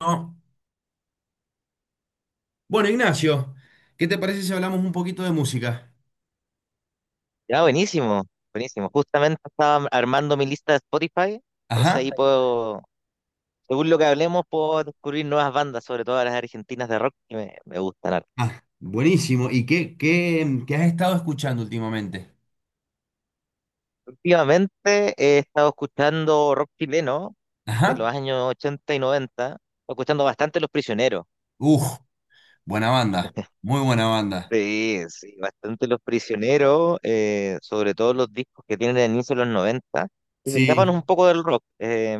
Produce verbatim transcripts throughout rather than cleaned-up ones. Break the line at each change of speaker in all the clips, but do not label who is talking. No. Bueno, Ignacio, ¿qué te parece si hablamos un poquito de música?
Ya, buenísimo, buenísimo. Justamente estaba armando mi lista de Spotify,
Ajá.
entonces ahí
Perfecto.
puedo, según lo que hablemos, puedo descubrir nuevas bandas, sobre todo las argentinas de rock que me, me gustan harto.
Ah, buenísimo. ¿Y qué, qué, qué has estado escuchando últimamente?
Últimamente he estado escuchando rock chileno de
Ajá.
los años ochenta y noventa. Estoy escuchando bastante Los Prisioneros.
Uf, buena banda. Muy buena banda.
Sí, sí, bastante Los Prisioneros, eh, sobre todo los discos que tienen el inicio de los noventa que se escapan
Sí,
un poco del rock. eh,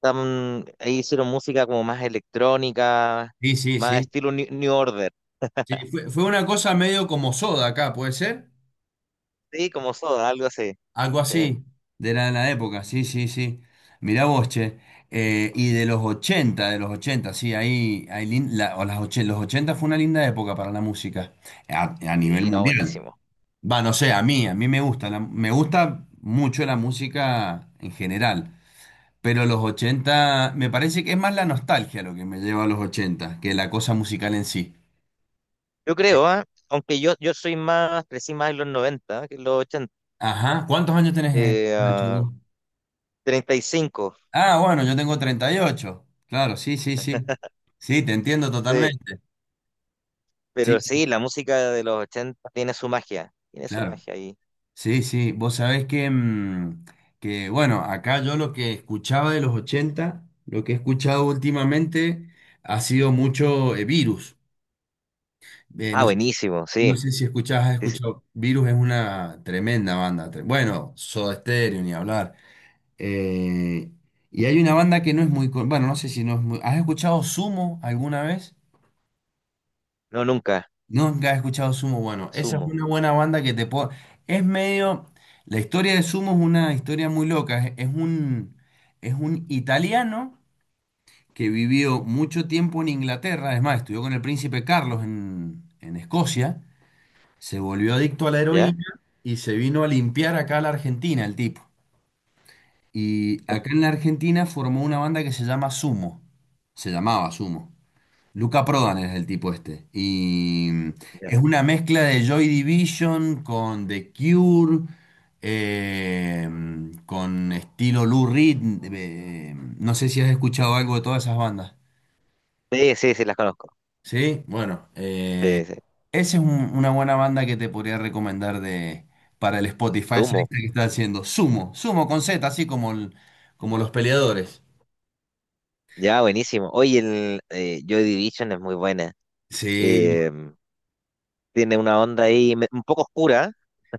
Tam- ahí hicieron música como más electrónica,
sí, sí,
más
sí.
estilo New, New Order,
Sí, fue, fue una cosa medio como Soda acá, ¿puede ser?
sí, como Soda, algo así,
Algo
sí,
así. De la, de la época, sí, sí, sí. Mirá vos, che. Eh, y de los ochenta, de los ochenta, sí, ahí, ahí lin- la- o las och- los ochenta fue una linda época para la música a, a nivel
sí, no,
mundial.
buenísimo.
Va, no sé, a mí, a mí me gusta, la- me gusta mucho la música en general, pero los ochenta me parece que es más la nostalgia lo que me lleva a los ochenta que la cosa musical en sí.
Yo creo, ¿ah? Aunque yo, yo soy más, crecí más en los noventa que en los ochenta,
Ajá, ¿cuántos años tenés, eh,
eh,
Nacho?
ah,
¿Vos?
treinta y cinco,
Ah, bueno, yo tengo treinta y ocho. Claro, sí, sí, sí. Sí, te entiendo
sí,
totalmente. Sí,
pero
sí,
sí, la música de los ochenta tiene su magia, tiene su
claro.
magia ahí.
Sí, sí, vos sabés que, mm, que, bueno, acá yo lo que escuchaba de los ochenta, lo que he escuchado últimamente ha sido mucho eh, Virus. Eh,
Ah,
no sé,
buenísimo,
no
sí,
sé si escuchás, has
sí, sí.
escuchado. Virus es una tremenda banda. tre- Bueno, Soda Stereo, ni hablar. Eh, y hay una banda que no es muy. con- Bueno, no sé si no es muy. ¿Has escuchado Sumo alguna vez?
No, nunca,
¿No? Nunca has escuchado Sumo. Bueno, esa es
Sumo,
una buena banda que te puedo. Es medio. La historia de Sumo es una historia muy loca. Es, es un, es un italiano que vivió mucho tiempo en Inglaterra. Es más, estudió con el príncipe Carlos en en Escocia. Se volvió adicto a la
¿ya?
heroína y se vino a limpiar acá a la Argentina el tipo. Y acá en la Argentina formó una banda que se llama Sumo. Se llamaba Sumo. Luca Prodan es el tipo este. Y es
Ya.
una mezcla de Joy Division con The Cure, eh, con estilo Lou Reed. Eh, no sé si has escuchado algo de todas esas bandas.
Sí, sí, sí, las conozco,
Sí, bueno,
sí,
eh,
sí,
esa es un- una buena banda que te podría recomendar de, para el Spotify, esa
Sumo.
lista que está haciendo. Sumo, Sumo con Z, así como, el- como los peleadores.
Ya, buenísimo. Oye, el eh, Joy Division es muy buena.
Sí,
Eh, tiene una onda ahí me- un poco oscura,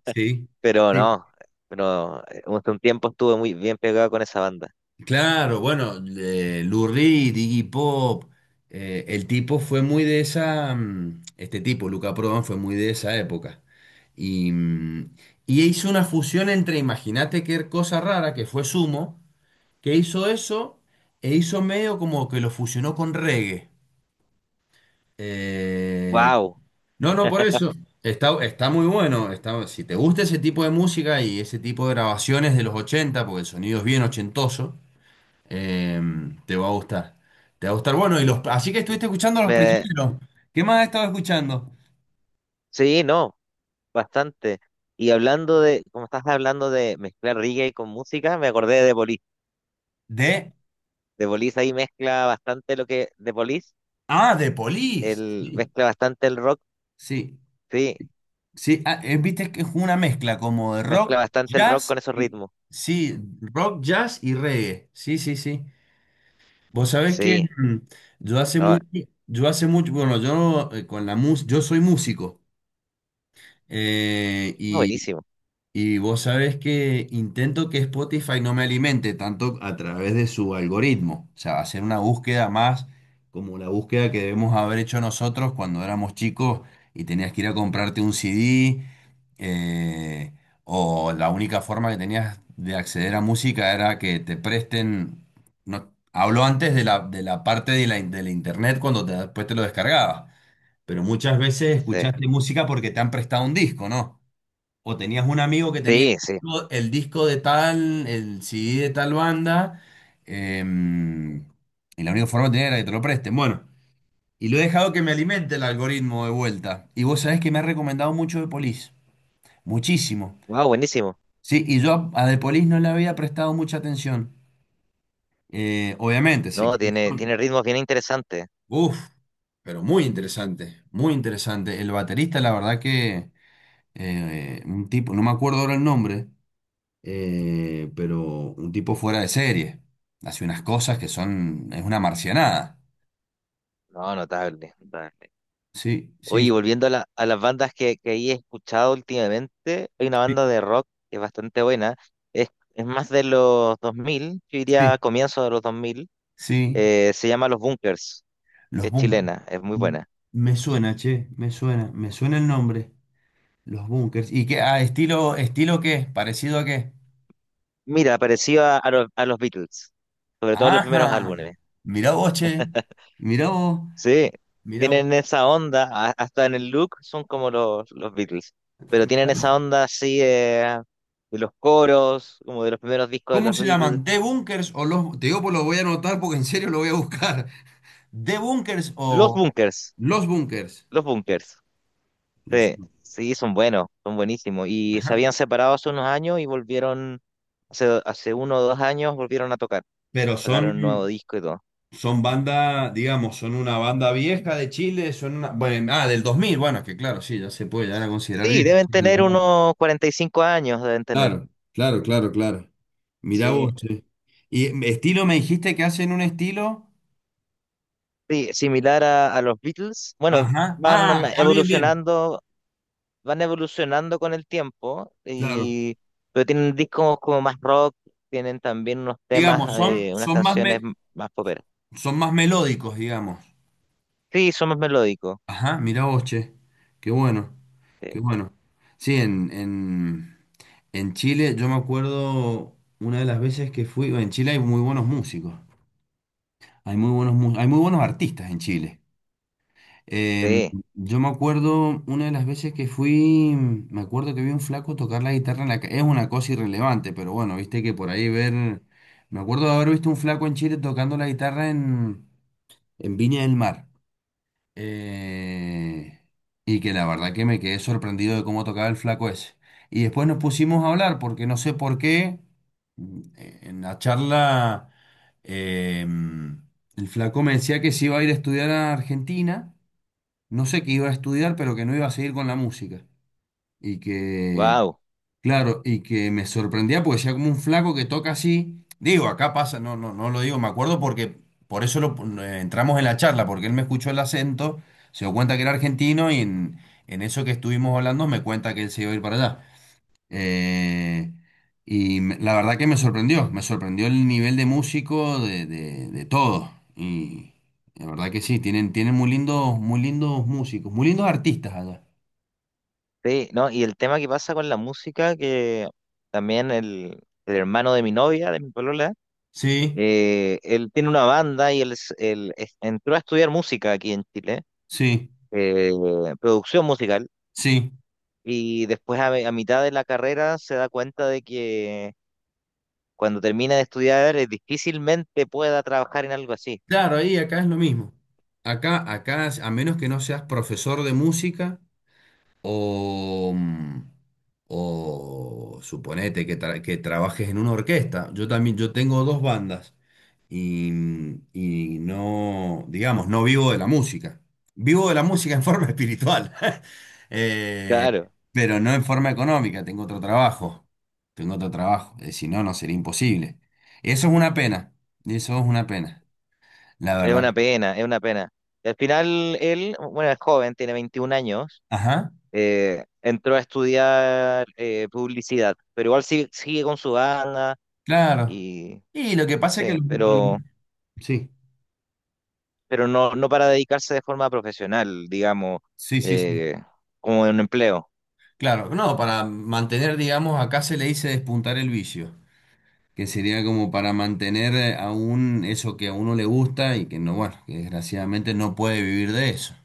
sí,
pero
sí.
no, pero eh, hace un tiempo estuve muy bien pegado con esa banda.
Claro, bueno, eh, Lou Reed, Iggy Pop, eh, el tipo fue muy de esa, mm, este tipo, Luca Prodan, fue muy de esa época. Y, mm, y hizo una fusión entre, imagínate qué cosa rara que fue Sumo que hizo eso e hizo medio como que lo fusionó con reggae. Eh,
Wow,
no, no, por eso. Está, está muy bueno. Está, si te gusta ese tipo de música y ese tipo de grabaciones de los ochenta porque el sonido es bien ochentoso, eh, te va a gustar. Te va a gustar. Bueno, y los, así que estuviste escuchando a Los
me
Prisioneros. ¿Qué más has estado escuchando?
sí, no, bastante. Y hablando de, como estás hablando de mezclar reggae con música, me acordé de The Police.
De...
The Police ahí mezcla bastante lo que The Police,
Ah, de Police.
el
Sí,
mezcla bastante el rock,
sí.
sí,
Sí, ah, eh, viste que es una mezcla como de rock,
mezcla bastante el rock
jazz
con esos
y
ritmos.
sí, rock, jazz y reggae. Sí, sí, sí. Vos sabés que
Sí,
mm, yo hace
no, no,
mucho, yo hace mucho, bueno, yo eh, con la música, yo soy músico eh, y
buenísimo.
y vos sabés que intento que Spotify no me alimente tanto a través de su algoritmo, o sea, hacer una búsqueda más como la búsqueda que debemos haber hecho nosotros cuando éramos chicos y tenías que ir a comprarte un C D, eh, o la única forma que tenías de acceder a música era que te presten, no, hablo antes de la, de la parte de la, in- de la internet cuando te- después te lo descargabas, pero muchas veces
Sí,
escuchaste música porque te han prestado un disco, ¿no? O tenías un amigo que tenía el
sí, sí.
disco el disco de tal, el C D de tal banda, em, y la única forma de tener era que te lo presten. Bueno, y lo he dejado que me alimente el algoritmo de vuelta. Y vos sabés que me ha recomendado mucho de Police, muchísimo.
Wow, buenísimo.
Sí, y yo a de Police no le había prestado mucha atención. Eh, obviamente, sé
No,
quiénes
tiene
son.
tiene ritmos bien interesantes.
Uf, pero muy interesante, muy interesante. El baterista, la verdad que eh, un tipo, no me acuerdo ahora el nombre, eh, pero un tipo fuera de serie. Hace unas cosas que son, es una marcianada.
No, notable, notable.
Sí,
Oye,
sí,
volviendo a, la- a las bandas que, que ahí he escuchado últimamente, hay una banda
sí,
de rock que es bastante buena, es, es más de los dos mil, yo
sí,
diría comienzo de los dos mil,
sí.
eh, se llama Los Bunkers,
Los
es
bunkers.
chilena, es muy buena.
Me suena, che, me suena, me suena el nombre. Los bunkers. ¿Y qué? Ah, estilo, estilo qué, parecido a qué.
Mira, parecido a, a los, a los Beatles, sobre todo los primeros
Ajá.
álbumes.
Mirá vos, che. Mirá vos,
Sí,
mirá vos.
tienen esa onda, a- hasta en el look son como los, los Beatles, pero tienen esa onda así eh, de los coros, como de los primeros discos de
¿Cómo
los
se
Beatles.
llaman? ¿The Bunkers o los...? Te digo, pues lo voy a anotar porque en serio lo voy a buscar. ¿The Bunkers
Los
o
Bunkers,
los Bunkers?
los Bunkers.
Los...
Sí, sí, son buenos, son buenísimos. Y se
Ajá.
habían separado hace unos años y volvieron, hace, hace uno o dos años volvieron a tocar.
Pero son,
Sacaron un nuevo disco y todo.
son banda, digamos, son una banda vieja de Chile, son una, bueno, ah, del dos mil, bueno, que claro, sí, ya se puede llegar a considerar
Sí,
vieja.
deben
Son del
tener
dos mil.
unos cuarenta y cinco años, deben tener.
Claro, claro, claro, claro. Mirá
Sí,
vos, che. Y mm, estilo, me dijiste que hacen un estilo.
sí, similar a, a los Beatles. Bueno,
Ajá.
van
Ah, ah, bien, bien.
evolucionando, van evolucionando con el tiempo,
Claro.
y, pero tienen discos como más rock, tienen también unos temas,
Digamos, son,
eh, unas
son más
canciones
me-
m- más poperas.
son más melódicos, digamos.
Sí, son más melódicos.
Ajá, mirá vos, che. Qué bueno,
Sí.
qué bueno. Sí, en, en, en Chile, yo me acuerdo una de las veces que fui, en Chile hay muy buenos músicos, hay muy buenos, mu- hay muy buenos artistas en Chile. Em,
Sí,
yo me acuerdo una de las veces que fui, me acuerdo que vi un flaco tocar la guitarra en la calle, es una cosa irrelevante, pero bueno, viste que por ahí ver, me acuerdo de haber visto un flaco en Chile tocando la guitarra en, en Viña del Mar. Eh, y que la verdad que me quedé sorprendido de cómo tocaba el flaco ese. Y después nos pusimos a hablar porque no sé por qué mm, eh, en la charla eh, mm, el flaco me decía que se iba a ir a estudiar a Argentina, no sé qué iba a estudiar, pero que no iba a seguir con la música. Y que
wow,
claro, y que me sorprendía porque decía como un flaco que toca así. Digo, acá pasa, no, no, no lo digo, me acuerdo porque por eso lo, eh, entramos en la charla, porque él me escuchó el acento, se dio cuenta que era argentino y en, en eso que estuvimos hablando me cuenta que él se iba a ir para allá. Eh, y me- la verdad que me sorprendió, me sorprendió el nivel de músico de, de, de todo. Y la verdad que sí, tienen, tienen muy lindos, muy lindos músicos, muy lindos artistas allá.
sí, no, y el tema que pasa con la música, que también el, el hermano de mi novia, de mi polola,
Sí,
eh, él tiene una banda y él, es- él es- entró a estudiar música aquí en Chile,
sí,
eh, producción musical,
sí.
y después a, a mitad de la carrera se da cuenta de que cuando termina de estudiar eh, difícilmente pueda trabajar en algo así.
Claro, ahí acá es lo mismo. Acá, acá, a menos que no seas profesor de música o, mm, o suponete que, tra- que trabajes en una orquesta. Yo también, yo tengo dos bandas y, y no, digamos, no vivo de la música. Vivo de la música en forma espiritual, eh,
Claro,
pero no en forma económica. Tengo otro trabajo. Tengo otro trabajo. Eh, si no, no sería imposible. Eso es una pena. Eso es una pena. La
es
verdad.
una pena, es una pena. Al final él, bueno, es joven, tiene veintiún años,
Ajá.
eh, entró a estudiar eh, publicidad, pero igual sigue, sigue con su banda
Claro.
y
Y lo que pasa es que...
sí,
los-
pero,
Sí,
pero no, no para dedicarse de forma profesional, digamos,
sí, sí, sí.
eh, como en un empleo.
Claro, no, para mantener, digamos, acá se le dice despuntar el vicio, que sería como para mantener eh, aún eso que a uno le gusta y que no, bueno, que desgraciadamente no puede vivir de eso.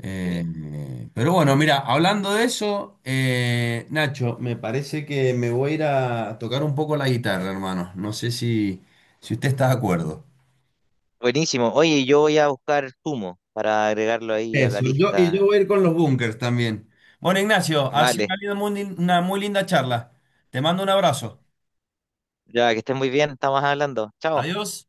Eh,
Sí.
eh, pero bueno, mira, hablando de eso, eh, Nacho, me parece que me voy a ir a tocar un poco la guitarra, hermano. No sé si, si usted está de acuerdo.
Buenísimo. Oye, yo voy a buscar Sumo para agregarlo ahí a la
Eso, yo, y yo
lista.
voy a ir con los bunkers también. Bueno, Ignacio, ha sido una
Vale,
linda- muy lin- una muy linda charla. Te mando un abrazo.
ya que estés muy bien, estamos hablando. Chao.
Adiós.